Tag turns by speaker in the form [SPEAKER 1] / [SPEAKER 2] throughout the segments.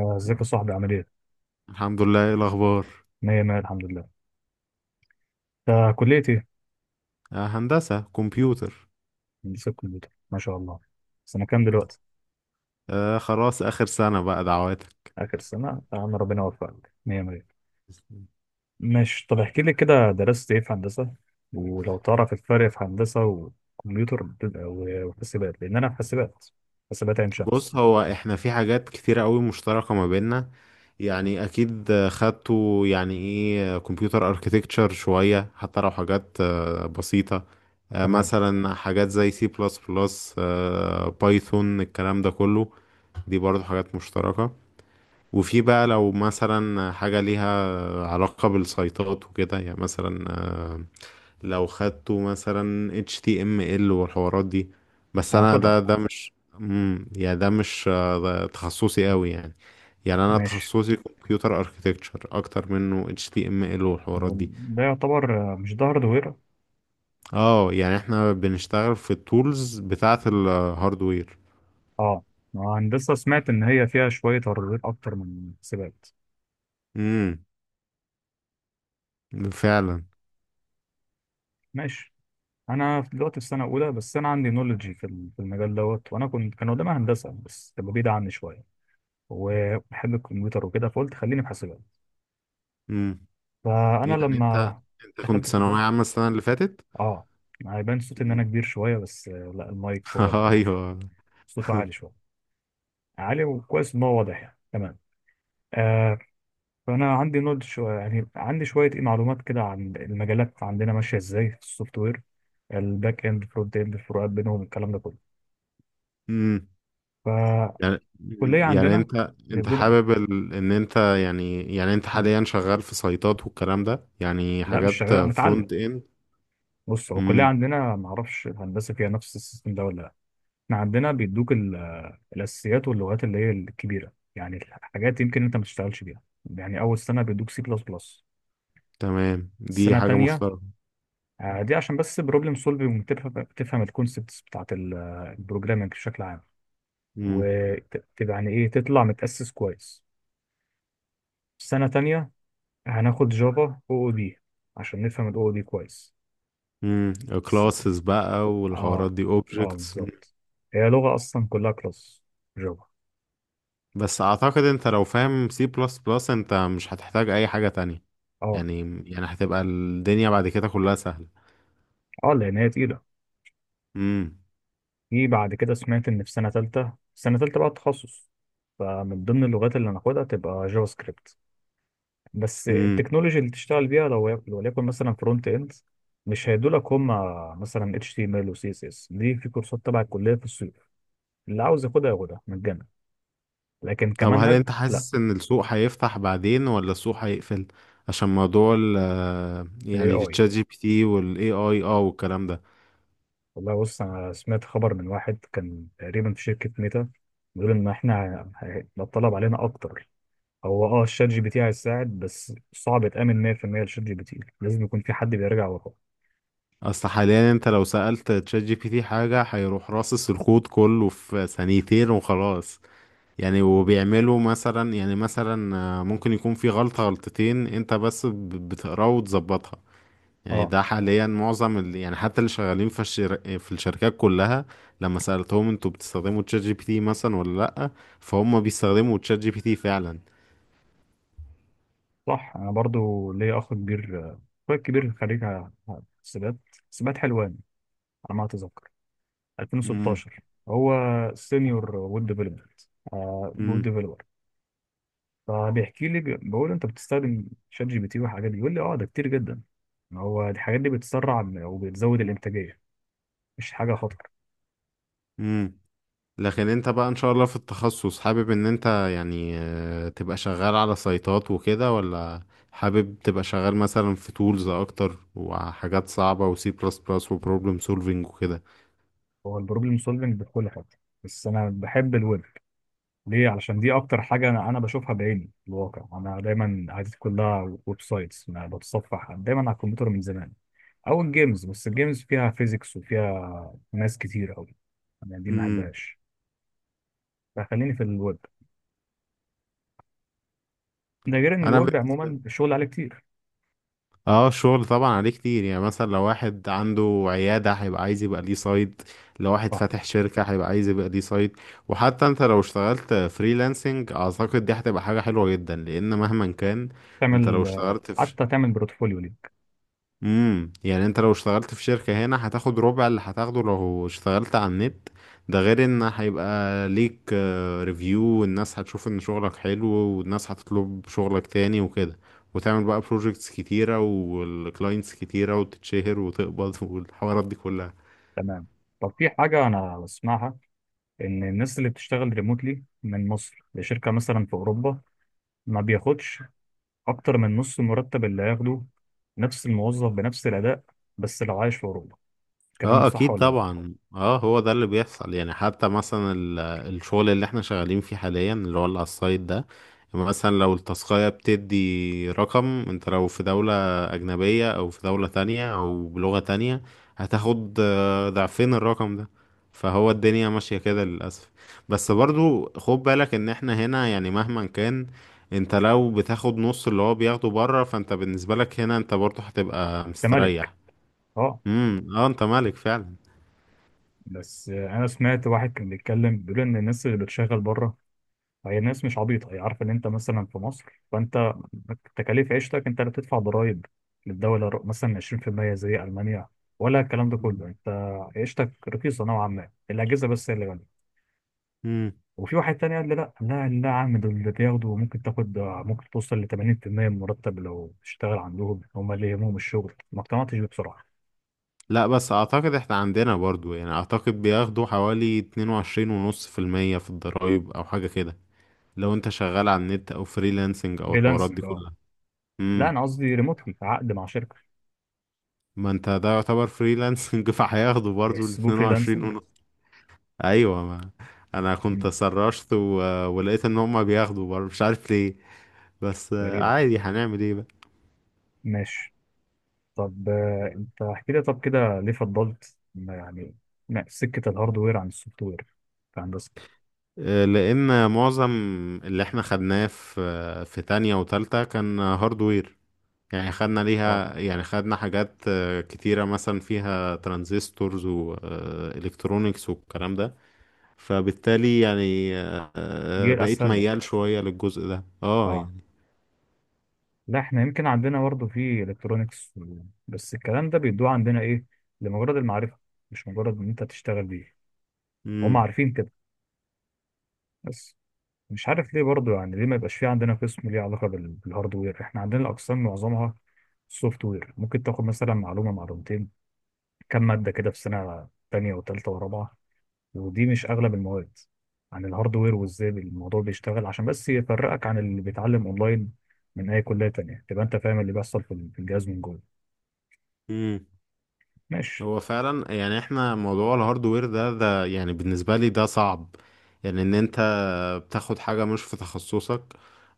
[SPEAKER 1] آه، ازيك يا صاحبي؟ عامل ايه؟
[SPEAKER 2] الحمد لله، ايه الاخبار؟
[SPEAKER 1] مية مية، الحمد لله. انت كلية ايه؟
[SPEAKER 2] آه، هندسة كمبيوتر.
[SPEAKER 1] هندسة كمبيوتر، ما شاء الله. سنة كام دلوقتي؟
[SPEAKER 2] آه، خلاص اخر سنة بقى، دعواتك.
[SPEAKER 1] آخر سنة يا عم، ربنا يوفقك مية مية. ماشي، طب احكي لي كده، درست ايه في هندسة؟ ولو تعرف الفرق في هندسة و وحاسبات، لأن أنا في حاسبات، حاسبات عين
[SPEAKER 2] بص،
[SPEAKER 1] شمس.
[SPEAKER 2] هو احنا في حاجات كتيرة قوي مشتركة ما بيننا. يعني اكيد، خدتوا يعني ايه كمبيوتر اركيتكتشر شوية، حتى لو حاجات بسيطة.
[SPEAKER 1] تمام،
[SPEAKER 2] مثلا حاجات زي سي بلس بلس، بايثون، الكلام ده كله، دي برضو حاجات مشتركة. وفي بقى لو مثلا حاجة ليها علاقة بالسيطات وكده، يعني مثلا، لو خدته مثلا HTML والحوارات دي. بس انا ده
[SPEAKER 1] هاخدها.
[SPEAKER 2] ده مش. يعني ده مش، ده تخصصي قوي يعني. يعني انا
[SPEAKER 1] ماشي،
[SPEAKER 2] تخصصي كمبيوتر اركتكتشر اكتر منه HTML والحوارات دي.
[SPEAKER 1] ده يعتبر مش ده هاردوير؟
[SPEAKER 2] اه، يعني احنا بنشتغل في التولز بتاعة الهاردوير.
[SPEAKER 1] اه، هندسة سمعت إن هي فيها شوية هاردوير أكتر من حاسبات.
[SPEAKER 2] امم. فعلا.
[SPEAKER 1] ماشي، دلوقتي في سنه اولى، بس انا عندي نولوجي في في المجال دوت، وانا كنت كان قدامي هندسه بس تبقى بعيده عني شويه، وبحب الكمبيوتر وكده، فقلت خليني في حاسبات.
[SPEAKER 2] امم
[SPEAKER 1] فانا
[SPEAKER 2] يعني انت
[SPEAKER 1] لما
[SPEAKER 2] انت كنت
[SPEAKER 1] دخلت
[SPEAKER 2] ثانوية
[SPEAKER 1] الكليه،
[SPEAKER 2] عامة السنة اللي فاتت؟
[SPEAKER 1] اه، ما هيبان صوتي ان انا
[SPEAKER 2] امم.
[SPEAKER 1] كبير شويه بس لا، المايك هو اللي
[SPEAKER 2] ايوه.
[SPEAKER 1] صوته عالي شويه، عالي وكويس ان هو واضح يعني. تمام. آه، فانا عندي نولج شويه، يعني عندي شويه ايه معلومات كده عن المجالات عندنا ماشيه ازاي في السوفت وير، الباك اند، فرونت اند، الفروقات بينهم، الكلام ده كله.
[SPEAKER 2] مم. يعني
[SPEAKER 1] فالكليه
[SPEAKER 2] يعني
[SPEAKER 1] عندنا،
[SPEAKER 2] انت حابب ان انت، يعني انت
[SPEAKER 1] مم،
[SPEAKER 2] حاليا شغال في سايتات والكلام ده، يعني
[SPEAKER 1] لا مش
[SPEAKER 2] حاجات
[SPEAKER 1] شغال، متعلم.
[SPEAKER 2] فرونت اند؟
[SPEAKER 1] بص، هو الكليه
[SPEAKER 2] امم.
[SPEAKER 1] عندنا ما اعرفش الهندسه فيها نفس السيستم ده ولا لا. احنا عندنا بيدوك الاساسيات واللغات اللي هي الكبيره، يعني الحاجات يمكن انت ما تشتغلش بيها. يعني اول سنه بيدوك سي بلس بلس.
[SPEAKER 2] تمام، دي
[SPEAKER 1] السنه
[SPEAKER 2] حاجة
[SPEAKER 1] الثانيه
[SPEAKER 2] مشتركة.
[SPEAKER 1] دي عشان بس بروبلم سولفنج، تفهم الكونسبتس بتاعت البروجرامنج بشكل عام،
[SPEAKER 2] امم.
[SPEAKER 1] وتبقى يعني ايه تطلع متاسس كويس. السنه الثانيه هناخد جافا او او دي، عشان نفهم الاو او دي كويس.
[SPEAKER 2] امم. كلاسز بقى
[SPEAKER 1] اه،
[SPEAKER 2] والحوارات دي
[SPEAKER 1] اه
[SPEAKER 2] اوبجكتس.
[SPEAKER 1] بالظبط، هي لغة أصلا كلها كلاس، جافا.
[SPEAKER 2] بس اعتقد انت لو فاهم سي بلس بلس، انت مش هتحتاج اي حاجة تانية.
[SPEAKER 1] اه،
[SPEAKER 2] يعني يعني هتبقى الدنيا بعد كده كلها سهلة.
[SPEAKER 1] اه لأن هي تقيلة. في بعد كده سمعت إن في سنة تالتة، سنة تالتة بقى تخصص، فمن ضمن اللغات اللي هناخدها تبقى جافا سكريبت. بس
[SPEAKER 2] امم.
[SPEAKER 1] التكنولوجي اللي تشتغل بيها لو وليكن مثلا فرونت إند، مش هيدولك هما، مثلا اتش تي ام ال وسي اس اس، دي في كورسات تبع الكلية في الصيف، اللي عاوز ياخدها ياخدها مجانا، لكن
[SPEAKER 2] طب، هل
[SPEAKER 1] كمنهج
[SPEAKER 2] انت
[SPEAKER 1] لا.
[SPEAKER 2] حاسس ان السوق هيفتح بعدين ولا السوق هيقفل؟ عشان موضوع
[SPEAKER 1] الاي
[SPEAKER 2] يعني
[SPEAKER 1] اي،
[SPEAKER 2] التشات جي بي تي والاي اي، والكلام ده.
[SPEAKER 1] والله بص، انا سمعت خبر من واحد كان تقريبا في شركه ميتا، بيقول ان احنا هيبقى الطلب علينا اكتر. هو اه الشات جي بي تي هيساعد، بس صعب تامن 100% الشات جي بي تي، لازم يكون في حد بيراجع وراه.
[SPEAKER 2] اصل حاليا انت لو سألت تشات جي بي تي حاجة هيروح راصص الكود كله في ثانيتين وخلاص. يعني وبيعملوا مثلا، ممكن يكون في غلطة غلطتين، انت بس بتقراها وتظبطها. يعني
[SPEAKER 1] اه
[SPEAKER 2] ده حاليا معظم يعني حتى اللي شغالين في الشركات كلها، لما سألتهم انتوا بتستخدموا تشات جي بي تي مثلا ولا لأ، فهم بيستخدموا تشات جي بي تي فعلا.
[SPEAKER 1] صح، انا برضو ليا اخ كبير، اخويا الكبير خريج حسابات، حسابات حلوان على ما اتذكر،
[SPEAKER 2] امم.
[SPEAKER 1] 2016. هو سينيور ويب ديفلوبمنت، ويب
[SPEAKER 2] امم.
[SPEAKER 1] ديفلوبر. فبيحكي لي، بقول له انت بتستخدم شات جي بي تي والحاجات دي؟ يقول لي اه ده كتير جدا، ما هو الحاجات دي بتسرع وبتزود الانتاجيه، مش حاجه خطر.
[SPEAKER 2] امم. لكن انت بقى ان شاء الله في التخصص، حابب ان انت، تبقى شغال على سايتات وكده، ولا حابب تبقى شغال مثلا في تولز اكتر وحاجات صعبة وسي بلس بلس وبروبلم سولفينج وكده؟
[SPEAKER 1] هو البروبلم سولفنج بكل حاجه، بس انا بحب الويب. ليه؟ علشان دي اكتر حاجه انا بشوفها بعيني في الواقع، انا دايما عادتي كلها ويب سايتس، انا بتصفح دايما على الكمبيوتر من زمان، او الجيمز، بس الجيمز فيها فيزيكس وفيها ناس كتير قوي، انا دي ما
[SPEAKER 2] امم.
[SPEAKER 1] بحبهاش. فخليني في الويب، ده غير ان
[SPEAKER 2] انا
[SPEAKER 1] الويب
[SPEAKER 2] بالنسبة.
[SPEAKER 1] عموما الشغل عليه كتير.
[SPEAKER 2] اه، الشغل طبعا عليه كتير، يعني مثلا لو واحد عنده عيادة هيبقى عايز يبقى ليه سايت، لو واحد فاتح شركة هيبقى عايز يبقى ليه سايت. وحتى انت لو اشتغلت فريلانسنج اعتقد دي هتبقى حاجة حلوة جدا، لان مهما كان انت لو
[SPEAKER 1] تعمل
[SPEAKER 2] اشتغلت في.
[SPEAKER 1] حتى تعمل بورتفوليو ليك.
[SPEAKER 2] يعني انت لو اشتغلت في شركة هنا هتاخد ربع اللي هتاخده لو اشتغلت على النت. ده غير ان هيبقى ليك، ريفيو، والناس هتشوف ان شغلك حلو والناس هتطلب شغلك تاني وكده. وتعمل بقى بروجيكتس كتيرة والكلاينتس كتيرة وتتشهر وتقبض والحوارات دي كلها.
[SPEAKER 1] تمام. طب في حاجة أنا بسمعها، إن الناس اللي بتشتغل ريموتلي من مصر لشركة مثلا في أوروبا ما بياخدش أكتر من نص المرتب اللي هياخده نفس الموظف بنفس الأداء بس لو عايش في أوروبا. الكلام ده
[SPEAKER 2] اه
[SPEAKER 1] صح
[SPEAKER 2] اكيد
[SPEAKER 1] ولا لأ؟
[SPEAKER 2] طبعا، هو ده اللي بيحصل. يعني حتى مثلا الشغل اللي احنا شغالين فيه حاليا، اللي هو اللي على السايت ده، مثلا لو التاسكاية بتدي رقم، انت لو في دولة اجنبية او في دولة تانية او بلغة تانية، هتاخد ضعفين الرقم ده. فهو الدنيا ماشية كده للأسف. بس برضو خد بالك ان احنا هنا، يعني مهما كان انت لو بتاخد نص اللي هو بياخده بره، فانت بالنسبة لك هنا انت برضو هتبقى
[SPEAKER 1] أنت مالك؟
[SPEAKER 2] مستريح.
[SPEAKER 1] أه.
[SPEAKER 2] امم، اه، انت مالك فعلا.
[SPEAKER 1] بس أنا سمعت واحد كان بيتكلم، بيقول إن الناس اللي بتشتغل بره، فهي الناس مش عبيطة، هي عارفة إن أنت مثلا في مصر، فأنت تكاليف عيشتك، أنت اللي بتدفع ضرايب للدولة، مثلا 20% زي ألمانيا ولا الكلام ده كله،
[SPEAKER 2] مم.
[SPEAKER 1] أنت عيشتك رخيصة نوعا ما، الأجهزة بس هي اللي غالية.
[SPEAKER 2] مم.
[SPEAKER 1] وفي واحد تاني قال لي لا لا لا يا عم، دول اللي بياخدوا ممكن تاخد، ممكن توصل ل 80% من المرتب لو تشتغل عندهم، هم اللي يهمهم الشغل. ما اقتنعتش بيه بصراحة.
[SPEAKER 2] لا، بس اعتقد احنا عندنا برضو يعني اعتقد بياخدوا حوالي 22 ونص في المية في الضرايب او حاجة كده، لو انت شغال على النت او فريلانسنج او الحوارات دي
[SPEAKER 1] فريلانسنج اه.
[SPEAKER 2] كلها.
[SPEAKER 1] لا
[SPEAKER 2] امم.
[SPEAKER 1] أنا قصدي ريموتلي، عقد مع شركة.
[SPEAKER 2] ما انت ده يعتبر فريلانسنج فهياخدوا برضو ال
[SPEAKER 1] يحسبوه
[SPEAKER 2] 22
[SPEAKER 1] فريلانسنج.
[SPEAKER 2] ونص. ايوه، ما انا كنت
[SPEAKER 1] مم.
[SPEAKER 2] سرشت ولقيت ان هما بياخدوا برضو، مش عارف ليه. بس،
[SPEAKER 1] غريبة.
[SPEAKER 2] عادي، هنعمل ايه بقى؟
[SPEAKER 1] ماشي. طب انت احكي لي، طب كده ليه فضلت ما يعني سكه الهاردوير عن السوفت وير في هندسه؟
[SPEAKER 2] لان معظم اللي احنا خدناه في تانية وتالتة كان هاردوير. يعني خدنا
[SPEAKER 1] اه،
[SPEAKER 2] ليها، يعني خدنا حاجات كتيرة، مثلا فيها ترانزستورز والكترونيكس والكلام ده. فبالتالي يعني،
[SPEAKER 1] دي
[SPEAKER 2] بقيت
[SPEAKER 1] اسهل لك.
[SPEAKER 2] ميال شوية للجزء ده اه
[SPEAKER 1] اه،
[SPEAKER 2] يعني
[SPEAKER 1] لا احنا يمكن عندنا برضه في الكترونكس، بس الكلام ده بيدوه عندنا ايه؟ لمجرد المعرفه، مش مجرد ان انت تشتغل بيه. هم
[SPEAKER 2] امم.
[SPEAKER 1] عارفين كده، بس مش عارف ليه برضه، يعني ليه ما يبقاش في عندنا قسم ليه علاقه بالهاردوير؟ احنا عندنا الاقسام معظمها سوفت وير، ممكن تاخد مثلا معلومه معلومتين، كم ماده كده في سنه تانية وتالتة ورابعة، ودي مش اغلب المواد عن الهاردوير وازاي الموضوع بيشتغل، عشان بس يفرقك عن اللي بيتعلم اونلاين من اي كليه تانية، تبقى انت فاهم اللي بيحصل في الجهاز من جوه.
[SPEAKER 2] امم.
[SPEAKER 1] ماشي.
[SPEAKER 2] هو فعلا يعني احنا موضوع الهاردوير ده يعني بالنسبة لي ده صعب، يعني ان انت بتاخد حاجة مش في تخصصك،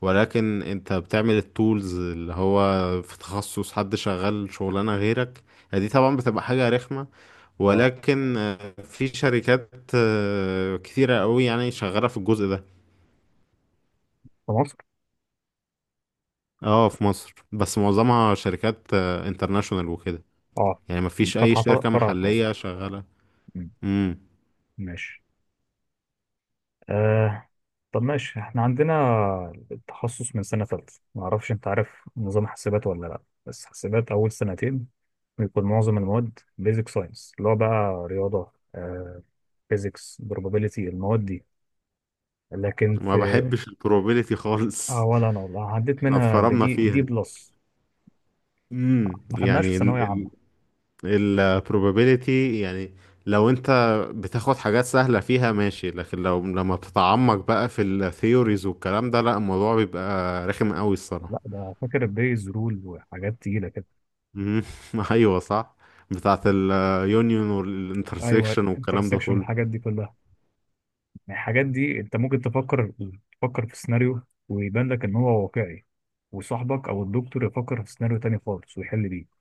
[SPEAKER 2] ولكن انت بتعمل التولز اللي هو في تخصص حد شغال شغلانة غيرك. يعني دي طبعا بتبقى حاجة رخمة.
[SPEAKER 1] اه،
[SPEAKER 2] ولكن، في شركات كتيرة قوي، يعني شغالة في الجزء ده.
[SPEAKER 1] في مصر.
[SPEAKER 2] اه في مصر، بس معظمها شركات انترناشونال وكده،
[SPEAKER 1] اه،
[SPEAKER 2] يعني ما فيش اي
[SPEAKER 1] فاتحه
[SPEAKER 2] شركة
[SPEAKER 1] فرع في مصر.
[SPEAKER 2] محلية شغالة.
[SPEAKER 1] مم.
[SPEAKER 2] امم.
[SPEAKER 1] ماشي. آه. طب ماشي، احنا عندنا التخصص من سنه ثالثه، ما اعرفش انت عارف نظام حاسبات ولا لا، بس حاسبات اول سنتين بيكون معظم المواد بيزك ساينس، اللي هو بقى رياضه، آه فيزيكس، probability، المواد دي، لكن
[SPEAKER 2] ما
[SPEAKER 1] في.
[SPEAKER 2] بحبش البروبابيليتي
[SPEAKER 1] اه
[SPEAKER 2] خالص.
[SPEAKER 1] ولا انا والله، عديت
[SPEAKER 2] احنا
[SPEAKER 1] منها
[SPEAKER 2] اتفرمنا
[SPEAKER 1] بدي دي
[SPEAKER 2] فيها.
[SPEAKER 1] بلس. ما خدناش في
[SPEAKER 2] يعني
[SPEAKER 1] ثانويه عامه.
[SPEAKER 2] البروبابيليتي، يعني لو انت بتاخد حاجات سهلة فيها ماشي، لكن لما بتتعمق بقى في الثيوريز والكلام ده، لا، الموضوع بيبقى رخم قوي الصراحة.
[SPEAKER 1] لا ده فاكر البيز رول وحاجات تقيله كده.
[SPEAKER 2] مم. ايوه، صح، بتاعت اليونيون
[SPEAKER 1] ايوه،
[SPEAKER 2] والانترسكشن والكلام ده
[SPEAKER 1] انترسكشن
[SPEAKER 2] كله.
[SPEAKER 1] الحاجات دي كلها، يعني الحاجات دي انت ممكن تفكر، تفكر في سيناريو ويبان لك ان هو واقعي، وصاحبك او الدكتور يفكر في سيناريو تاني خالص ويحل بيه.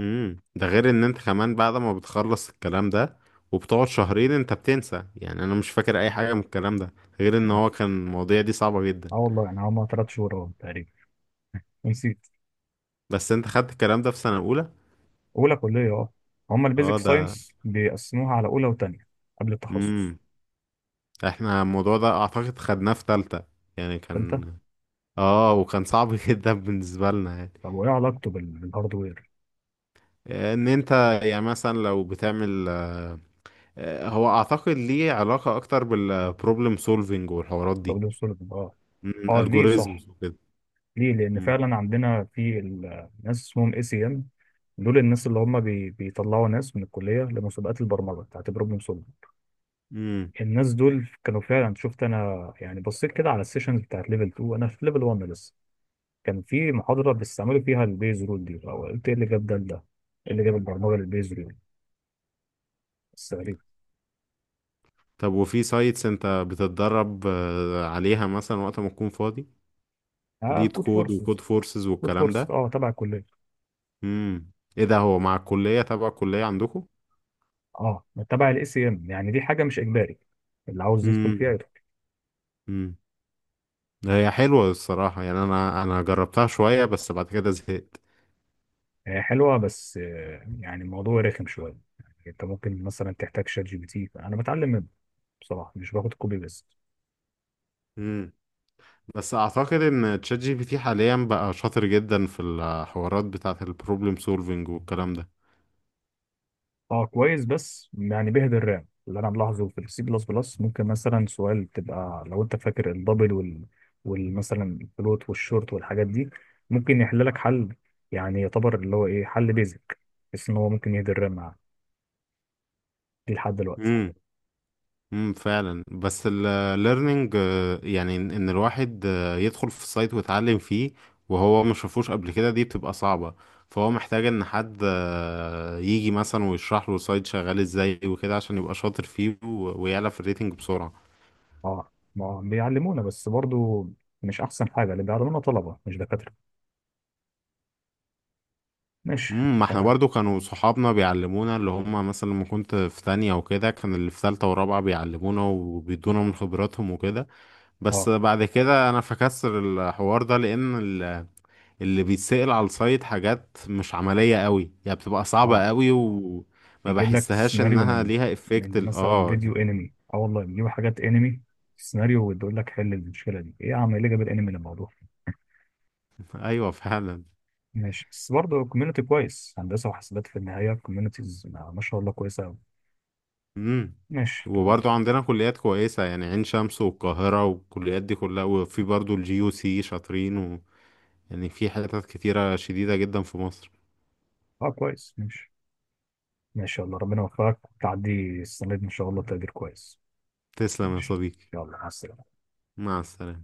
[SPEAKER 2] ده غير ان انت كمان بعد ما بتخلص الكلام ده وبتقعد شهرين انت بتنسى، يعني انا مش فاكر اي حاجه من الكلام ده، غير ان
[SPEAKER 1] مم.
[SPEAKER 2] هو كان المواضيع دي صعبه جدا.
[SPEAKER 1] اه والله، يعني هما ثلاث شهور اهو تقريبا ونسيت.
[SPEAKER 2] بس انت خدت الكلام ده في سنه اولى؟
[SPEAKER 1] اولى كليه اه، هما
[SPEAKER 2] اه،
[SPEAKER 1] البيزك
[SPEAKER 2] ده.
[SPEAKER 1] ساينس بيقسموها على اولى وتانية قبل التخصص.
[SPEAKER 2] امم. احنا الموضوع ده اعتقد خدناه في تالتة يعني،
[SPEAKER 1] تالتة.
[SPEAKER 2] كان، اه وكان صعب جدا بالنسبه لنا يعني.
[SPEAKER 1] طب وايه علاقته بالهاردوير؟
[SPEAKER 2] ان انت، يعني مثلا لو بتعمل، هو اعتقد ليه علاقة اكتر بالبروبلم سولفينج والحوارات دي،
[SPEAKER 1] راجل سوليفان، اه، اه ليه صح.
[SPEAKER 2] الجوريزمز وكده.
[SPEAKER 1] ليه؟ لان
[SPEAKER 2] مم.
[SPEAKER 1] فعلا عندنا في ناس اسمهم اي سي ام، دول الناس اللي هم بيطلعوا ناس من الكليه لمسابقات البرمجه بتاعت بروبلم سولفنج.
[SPEAKER 2] مم.
[SPEAKER 1] الناس دول كانوا فعلا، شفت انا يعني بصيت كده على السيشنز بتاعت ليفل 2، انا في ليفل 1 لسه، كان في محاضره بيستعملوا فيها البيز رول دي، او قلت ايه اللي جاب ده لده، ايه اللي جاب البرمجه للبيز رول؟ بس غريبه.
[SPEAKER 2] طب، وفي سايتس انت بتتدرب، عليها مثلا وقت ما تكون فاضي؟
[SPEAKER 1] اه،
[SPEAKER 2] ليد
[SPEAKER 1] كود
[SPEAKER 2] كود
[SPEAKER 1] فورسز.
[SPEAKER 2] وكود فورسز
[SPEAKER 1] كود
[SPEAKER 2] والكلام
[SPEAKER 1] فورس
[SPEAKER 2] ده.
[SPEAKER 1] اه تبع الكليه.
[SPEAKER 2] مم. ايه ده، هو مع الكلية، تبع الكلية عندكم؟
[SPEAKER 1] اه تبع الاي سي ام، يعني دي حاجه مش اجباري، اللي عاوز يدخل
[SPEAKER 2] مم.
[SPEAKER 1] فيها.
[SPEAKER 2] مم. هي حلوة الصراحة، يعني انا جربتها شوية بس بعد كده زهقت.
[SPEAKER 1] هي حلوه بس يعني الموضوع رخم شويه، يعني انت ممكن مثلا تحتاج شات جي بي تي، انا بتعلم منه بصراحه، مش باخد كوبي بيست.
[SPEAKER 2] مم. بس اعتقد ان تشات جي بي تي حاليا بقى شاطر جدا في الحوارات بتاعة البروبلم سولفينج والكلام ده.
[SPEAKER 1] اه كويس، بس يعني بيهدر الرام اللي انا ملاحظه في السي بلس بلس، ممكن مثلا سؤال تبقى لو انت فاكر الدبل وال، والمثلا الفلوت والشورت والحاجات دي، ممكن يحل لك حل، يعني يعتبر اللي هو ايه حل بيزك، بس ان هو ممكن يهدر الرام معاك دي لحد دلوقتي.
[SPEAKER 2] امم. امم، فعلا. بس الليرنينج، يعني إن الواحد، يدخل في السايت ويتعلم فيه وهو ما شافوش قبل كده، دي بتبقى صعبة. فهو محتاج ان حد، يجي مثلا ويشرح له السايت شغال ازاي وكده، عشان يبقى شاطر فيه ويعلى في الريتنج بسرعة.
[SPEAKER 1] اه، ما بيعلمونا بس برضو مش احسن حاجه، اللي بيعلمونا طلبه مش دكاتره. ماشي
[SPEAKER 2] ما احنا
[SPEAKER 1] تمام.
[SPEAKER 2] برضو كانوا صحابنا بيعلمونا، اللي هم مثلا لما كنت في تانية وكده كان اللي في تالتة ورابعة بيعلمونا وبيدونا من خبراتهم وكده. بس
[SPEAKER 1] اه.
[SPEAKER 2] بعد كده انا فكسر الحوار ده لان اللي بيتسأل على السايت حاجات مش عملية قوي يعني، بتبقى صعبة
[SPEAKER 1] اه،
[SPEAKER 2] قوي وما
[SPEAKER 1] بيجيب لك
[SPEAKER 2] بحسهاش
[SPEAKER 1] سيناريو
[SPEAKER 2] انها
[SPEAKER 1] من،
[SPEAKER 2] ليها افكت
[SPEAKER 1] من
[SPEAKER 2] ال...
[SPEAKER 1] مثلا
[SPEAKER 2] اه
[SPEAKER 1] فيديو
[SPEAKER 2] يعني
[SPEAKER 1] انمي، اه والله بيجيبوا حاجات انمي سيناريو، وبيقول لك حل المشكله دي ايه؟ يا عم ايه اللي جاب الانمي للموضوع؟
[SPEAKER 2] ايوه، فعلا.
[SPEAKER 1] ماشي، بس برضه كوميونتي كويس، هندسه وحاسبات في النهايه كوميونيتيز ما شاء الله كويسه قوي.
[SPEAKER 2] امم
[SPEAKER 1] ماشي تمام.
[SPEAKER 2] وبرضو عندنا كليات كويسة، يعني عين شمس والقاهرة والكليات دي كلها، وفي برضو الجي يو سي شاطرين. يعني في حتت كتيرة شديدة جدا في مصر.
[SPEAKER 1] اه كويس ماشي. ماشي يلا، ربنا يوفقك تعدي السنه دي ان شاء الله تقدير كويس.
[SPEAKER 2] تسلم يا
[SPEAKER 1] ماشي.
[SPEAKER 2] صديقي.
[SPEAKER 1] يلا مع السلامه.
[SPEAKER 2] مع السلامة.